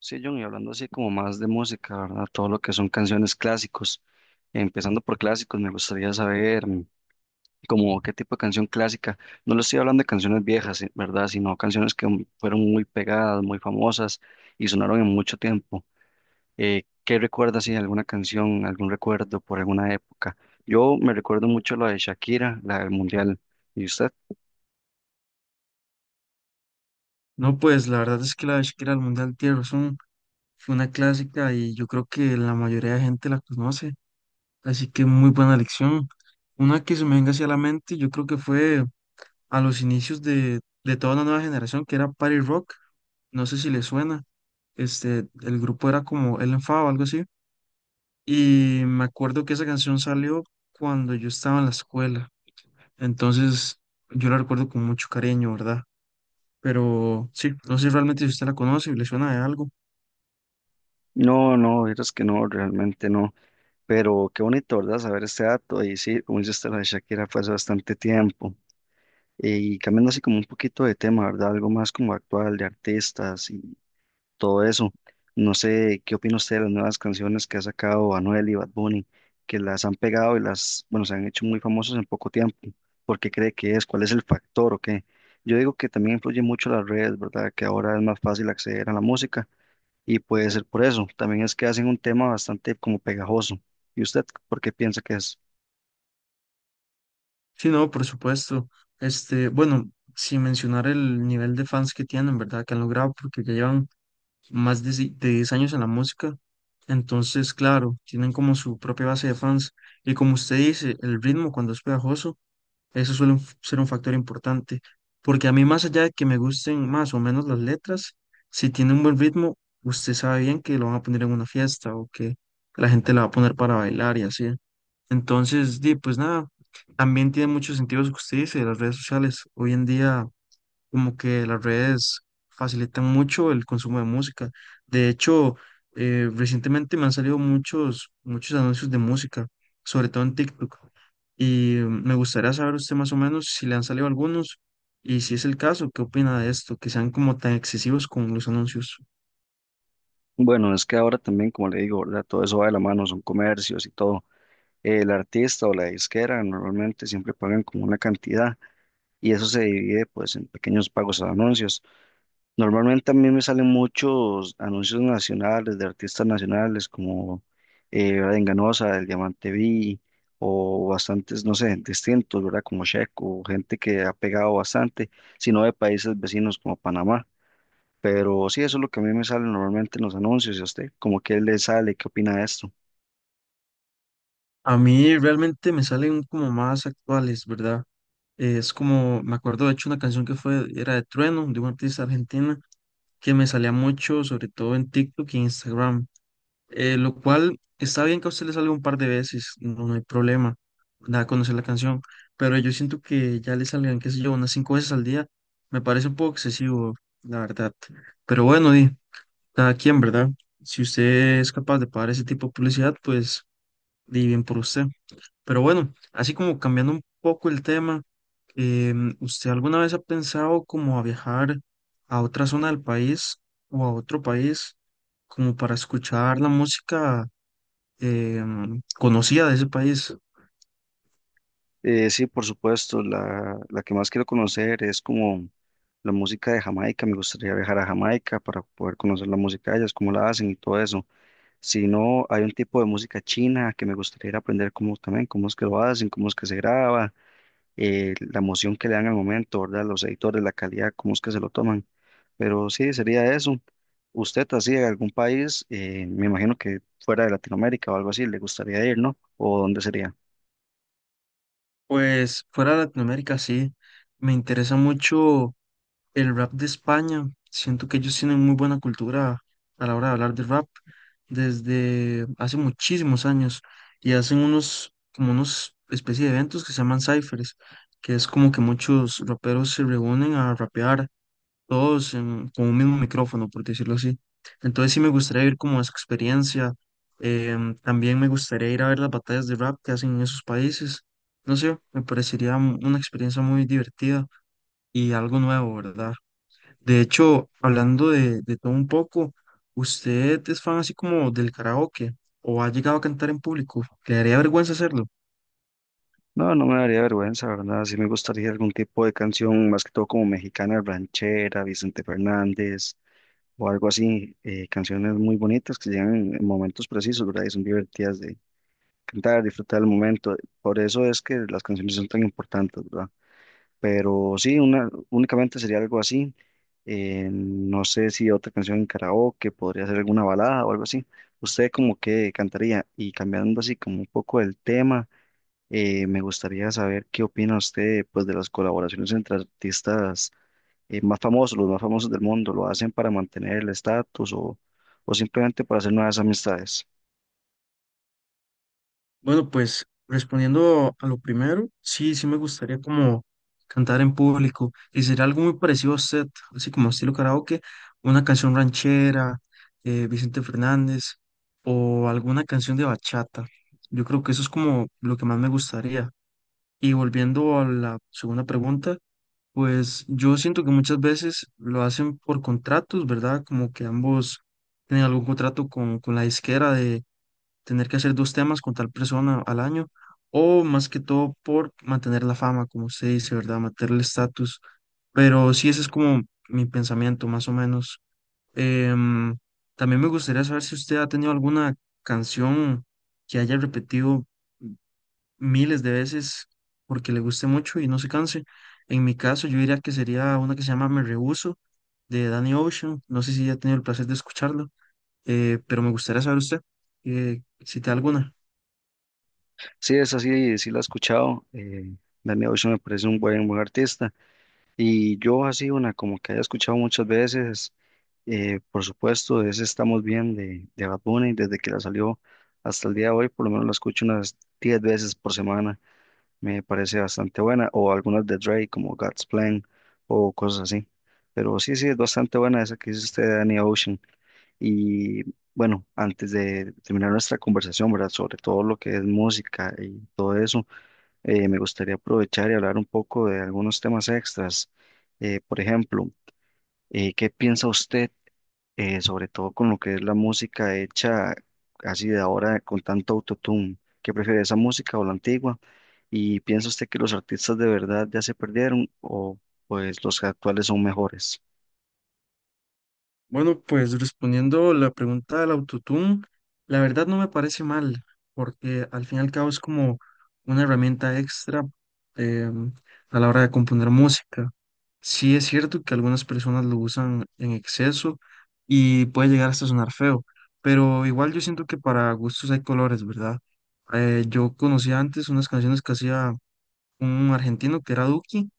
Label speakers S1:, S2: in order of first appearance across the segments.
S1: Sí, John, y hablando así como más de música, ¿verdad? Todo lo que son canciones clásicos. Empezando por clásicos, me gustaría saber como qué tipo de canción clásica. No le estoy hablando de canciones viejas, ¿verdad? Sino canciones que fueron muy pegadas, muy famosas y sonaron en mucho tiempo. ¿Qué recuerdas si alguna canción, algún recuerdo por alguna época? Yo me recuerdo mucho la de Shakira, la del Mundial. ¿Y usted?
S2: No, pues la verdad es que la de Shakira al Mundial Tierra fue una clásica y yo creo que la mayoría de gente la conoce, así que muy buena lección. Una que se me venga hacia la mente, yo creo que fue a los inicios de toda una nueva generación, que era Party Rock. No sé si le suena. El grupo era como El Enfado o algo así, y me acuerdo que esa canción salió cuando yo estaba en la escuela, entonces yo la recuerdo con mucho cariño, ¿verdad? Pero sí, no sé realmente si usted la conoce y le suena de algo.
S1: No, no, es que no, realmente no. Pero qué bonito, ¿verdad? Saber este dato. Y sí, como dice usted, lo de Shakira fue hace bastante tiempo. Y cambiando así como un poquito de tema, ¿verdad? Algo más como actual, de artistas y todo eso. No sé, ¿qué opina usted de las nuevas canciones que ha sacado Anuel y Bad Bunny, que las han pegado y las, bueno, se han hecho muy famosos en poco tiempo? ¿Por qué cree que es? ¿Cuál es el factor o qué? Yo digo que también influye mucho las redes, ¿verdad? Que ahora es más fácil acceder a la música y puede ser por eso. También es que hacen un tema bastante como pegajoso. ¿Y usted por qué piensa que es?
S2: Sí, no, por supuesto. Bueno, sin mencionar el nivel de fans que tienen, ¿verdad? Que han logrado, porque ya llevan más de, si- de 10 años en la música. Entonces, claro, tienen como su propia base de fans. Y como usted dice, el ritmo cuando es pegajoso, eso suele ser un factor importante. Porque a mí, más allá de que me gusten más o menos las letras, si tiene un buen ritmo, usted sabe bien que lo van a poner en una fiesta o que la gente la va a poner para bailar y así. Entonces, di, pues nada, también tiene mucho sentido lo que usted dice de las redes sociales. Hoy en día, como que las redes facilitan mucho el consumo de música. De hecho, recientemente me han salido muchos, muchos anuncios de música, sobre todo en TikTok. Y me gustaría saber usted más o menos si le han salido algunos y si es el caso, ¿qué opina de esto? Que sean como tan excesivos con los anuncios.
S1: Bueno, es que ahora también, como le digo, ¿verdad? Todo eso va de la mano, son comercios y todo. El artista o la disquera normalmente siempre pagan como una cantidad y eso se divide pues en pequeños pagos a anuncios. Normalmente a mí me salen muchos anuncios nacionales de artistas nacionales como ¿verdad? Enganosa, El Diamante Vi, o bastantes, no sé, distintos, ¿verdad? Como Checo, gente que ha pegado bastante, sino de países vecinos como Panamá. Pero sí, eso es lo que a mí me sale normalmente en los anuncios. ¿Y a usted? ¿Cómo que le sale? ¿Qué opina de esto?
S2: A mí realmente me salen como más actuales, ¿verdad? Es como, me acuerdo de hecho una canción que era de Trueno, de una artista argentina, que me salía mucho, sobre todo en TikTok y Instagram, lo cual está bien que a usted le salga un par de veces, no, no hay problema, da a conocer la canción, pero yo siento que ya le salgan, qué sé yo, unas cinco veces al día, me parece un poco excesivo, la verdad. Pero bueno, di, cada quien, ¿verdad? Si usted es capaz de pagar ese tipo de publicidad, pues di bien por usted. Pero bueno, así como cambiando un poco el tema. ¿Usted alguna vez ha pensado como a viajar a otra zona del país o a otro país como para escuchar la música conocida de ese país?
S1: Sí, por supuesto, la que más quiero conocer es como la música de Jamaica. Me gustaría viajar a Jamaica para poder conocer la música de ellas, cómo la hacen y todo eso. Si no, hay un tipo de música china que me gustaría ir a aprender cómo también, cómo es que lo hacen, cómo es que se graba, la emoción que le dan al momento, ¿verdad? Los editores, la calidad, cómo es que se lo toman. Pero sí, sería eso. Usted así de algún país, me imagino que fuera de Latinoamérica o algo así, le gustaría ir, ¿no? ¿O dónde sería?
S2: Pues fuera de Latinoamérica sí, me interesa mucho el rap de España. Siento que ellos tienen muy buena cultura a la hora de hablar de rap desde hace muchísimos años y hacen unos, como unos especie de eventos que se llaman cyphers, que es como que muchos raperos se reúnen a rapear todos con un mismo micrófono, por decirlo así. Entonces sí me gustaría ir como a esa experiencia. También me gustaría ir a ver las batallas de rap que hacen en esos países. No sé, me parecería una experiencia muy divertida y algo nuevo, ¿verdad? De hecho, hablando de todo un poco, ¿usted es fan así como del karaoke o ha llegado a cantar en público? ¿Le daría vergüenza hacerlo?
S1: No, no me daría vergüenza, ¿verdad? Sí me gustaría algún tipo de canción, más que todo como mexicana, ranchera, Vicente Fernández o algo así, canciones muy bonitas que llegan en momentos precisos, ¿verdad? Y son divertidas de cantar, disfrutar el momento. Por eso es que las canciones son tan importantes, ¿verdad? Pero sí, una, únicamente sería algo así. No sé si otra canción en karaoke, podría ser alguna balada o algo así. ¿Usted como que cantaría? Y cambiando así como un poco el tema, me gustaría saber qué opina usted pues de las colaboraciones entre artistas más famosos, los más famosos del mundo. ¿Lo hacen para mantener el estatus o simplemente para hacer nuevas amistades?
S2: Bueno, pues respondiendo a lo primero, sí, sí me gustaría como cantar en público y sería algo muy parecido a usted, así como estilo karaoke, una canción ranchera, Vicente Fernández o alguna canción de bachata. Yo creo que eso es como lo que más me gustaría. Y volviendo a la segunda pregunta. Pues yo siento que muchas veces lo hacen por contratos, ¿verdad? Como que ambos tienen algún contrato con la disquera de tener que hacer dos temas con tal persona al año, o más que todo por mantener la fama, como se dice, ¿verdad? Mantener el estatus. Pero sí, ese es como mi pensamiento, más o menos. Em, también me gustaría saber si usted ha tenido alguna canción que haya repetido miles de veces porque le guste mucho y no se canse. En mi caso, yo diría que sería una que se llama Me Rehuso de Danny Ocean. No sé si ya ha tenido el placer de escucharlo, pero me gustaría saber usted, si te da alguna.
S1: Sí, esa sí, sí la he escuchado. Danny Ocean me parece un buen artista. Y yo así una como que haya escuchado muchas veces, por supuesto, es Estamos Bien de Bad Bunny, desde que la salió hasta el día de hoy, por lo menos la escucho unas 10 veces por semana, me parece bastante buena, o algunas de Drake como God's Plan o cosas así. Pero sí, sí, es bastante buena esa que dice usted de Danny Ocean. Y bueno, antes de terminar nuestra conversación, ¿verdad? Sobre todo lo que es música y todo eso, me gustaría aprovechar y hablar un poco de algunos temas extras. Por ejemplo, ¿qué piensa usted, sobre todo con lo que es la música hecha así de ahora con tanto autotune? ¿Qué prefiere esa música o la antigua? ¿Y piensa usted que los artistas de verdad ya se perdieron o pues los actuales son mejores?
S2: Bueno, pues respondiendo la pregunta del autotune, la verdad no me parece mal, porque al fin y al cabo es como una herramienta extra em, a la hora de componer música. Sí es cierto que algunas personas lo usan en exceso y puede llegar hasta sonar feo, pero igual yo siento que para gustos hay colores, ¿verdad? Yo conocía antes unas canciones que hacía un argentino que era Duki,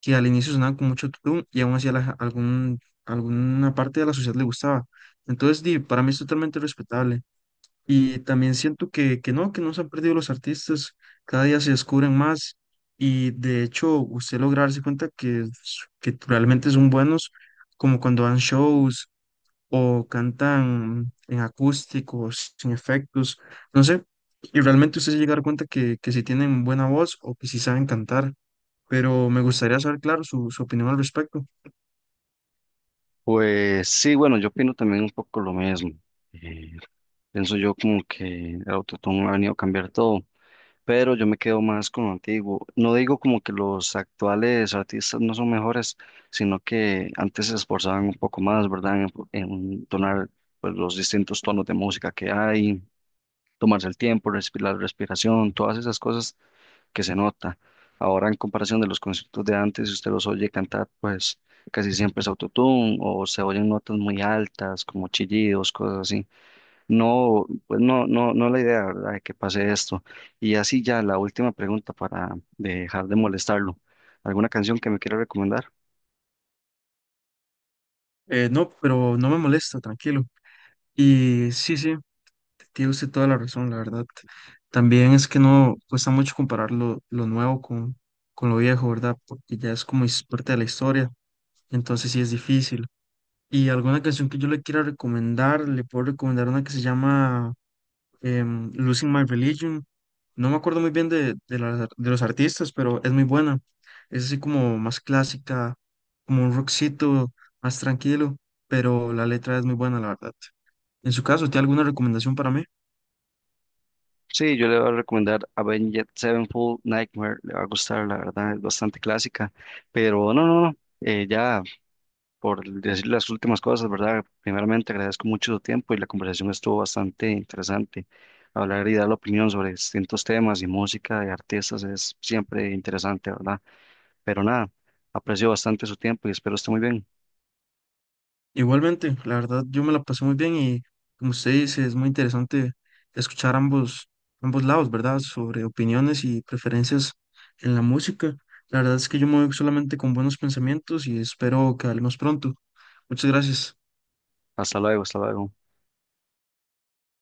S2: que al inicio sonaban con mucho tutum y aún así ja, alguna parte de la sociedad le gustaba. Entonces, di, para mí es totalmente respetable. Y también siento que no se han perdido los artistas, cada día se descubren más y de hecho usted logra darse cuenta que realmente son buenos, como cuando dan shows o cantan en acústicos, sin efectos, no sé, y realmente usted se llega a dar cuenta que si tienen buena voz o que si saben cantar, pero me gustaría saber, claro, su opinión al respecto.
S1: Pues sí, bueno, yo opino también un poco lo mismo. Eh, Pienso yo como que el autotune ha venido a cambiar todo. Pero yo me quedo más con lo antiguo. No digo como que los actuales artistas no son mejores, sino que antes se esforzaban un poco más, ¿verdad? En tonar pues, los distintos tonos de música que hay, tomarse el tiempo, respirar, la respiración, todas esas cosas que se nota. Ahora, en comparación de los conciertos de antes, si usted los oye cantar, pues casi siempre es autotune o se oyen notas muy altas, como chillidos, cosas así. No, pues no, no, no es la idea, ¿verdad? De que pase esto. Y así ya la última pregunta para dejar de molestarlo. ¿Alguna canción que me quiera recomendar?
S2: No, pero no me molesta, tranquilo. Y sí, sí. Tiene usted toda la razón, la verdad. También es que no cuesta mucho comparar lo nuevo con lo viejo, ¿verdad? Porque ya es como es parte de la historia, entonces sí es difícil. Y alguna canción que yo le quiera recomendar, le puedo recomendar una que se llama Losing My Religion. No me acuerdo muy bien las de los artistas, pero es muy buena. Es así como más clásica, como un rockcito, más tranquilo, pero la letra es muy buena, la verdad. En su caso, ¿tiene alguna recomendación para mí?
S1: Sí, yo le voy a recomendar Avenged Sevenfold Nightmare, le va a gustar, la verdad, es bastante clásica, pero no, no, no, ya por decir las últimas cosas, ¿verdad? Primeramente agradezco mucho su tiempo y la conversación estuvo bastante interesante. Hablar y dar la opinión sobre distintos temas y música de artistas es siempre interesante, ¿verdad? Pero nada, aprecio bastante su tiempo y espero esté muy bien.
S2: Igualmente, la verdad, yo me la pasé muy bien y como usted dice, es muy interesante escuchar ambos lados, ¿verdad? Sobre opiniones y preferencias en la música. La verdad es que yo me voy solamente con buenos pensamientos y espero que hablemos pronto. Muchas gracias.
S1: Hasta luego, hasta luego.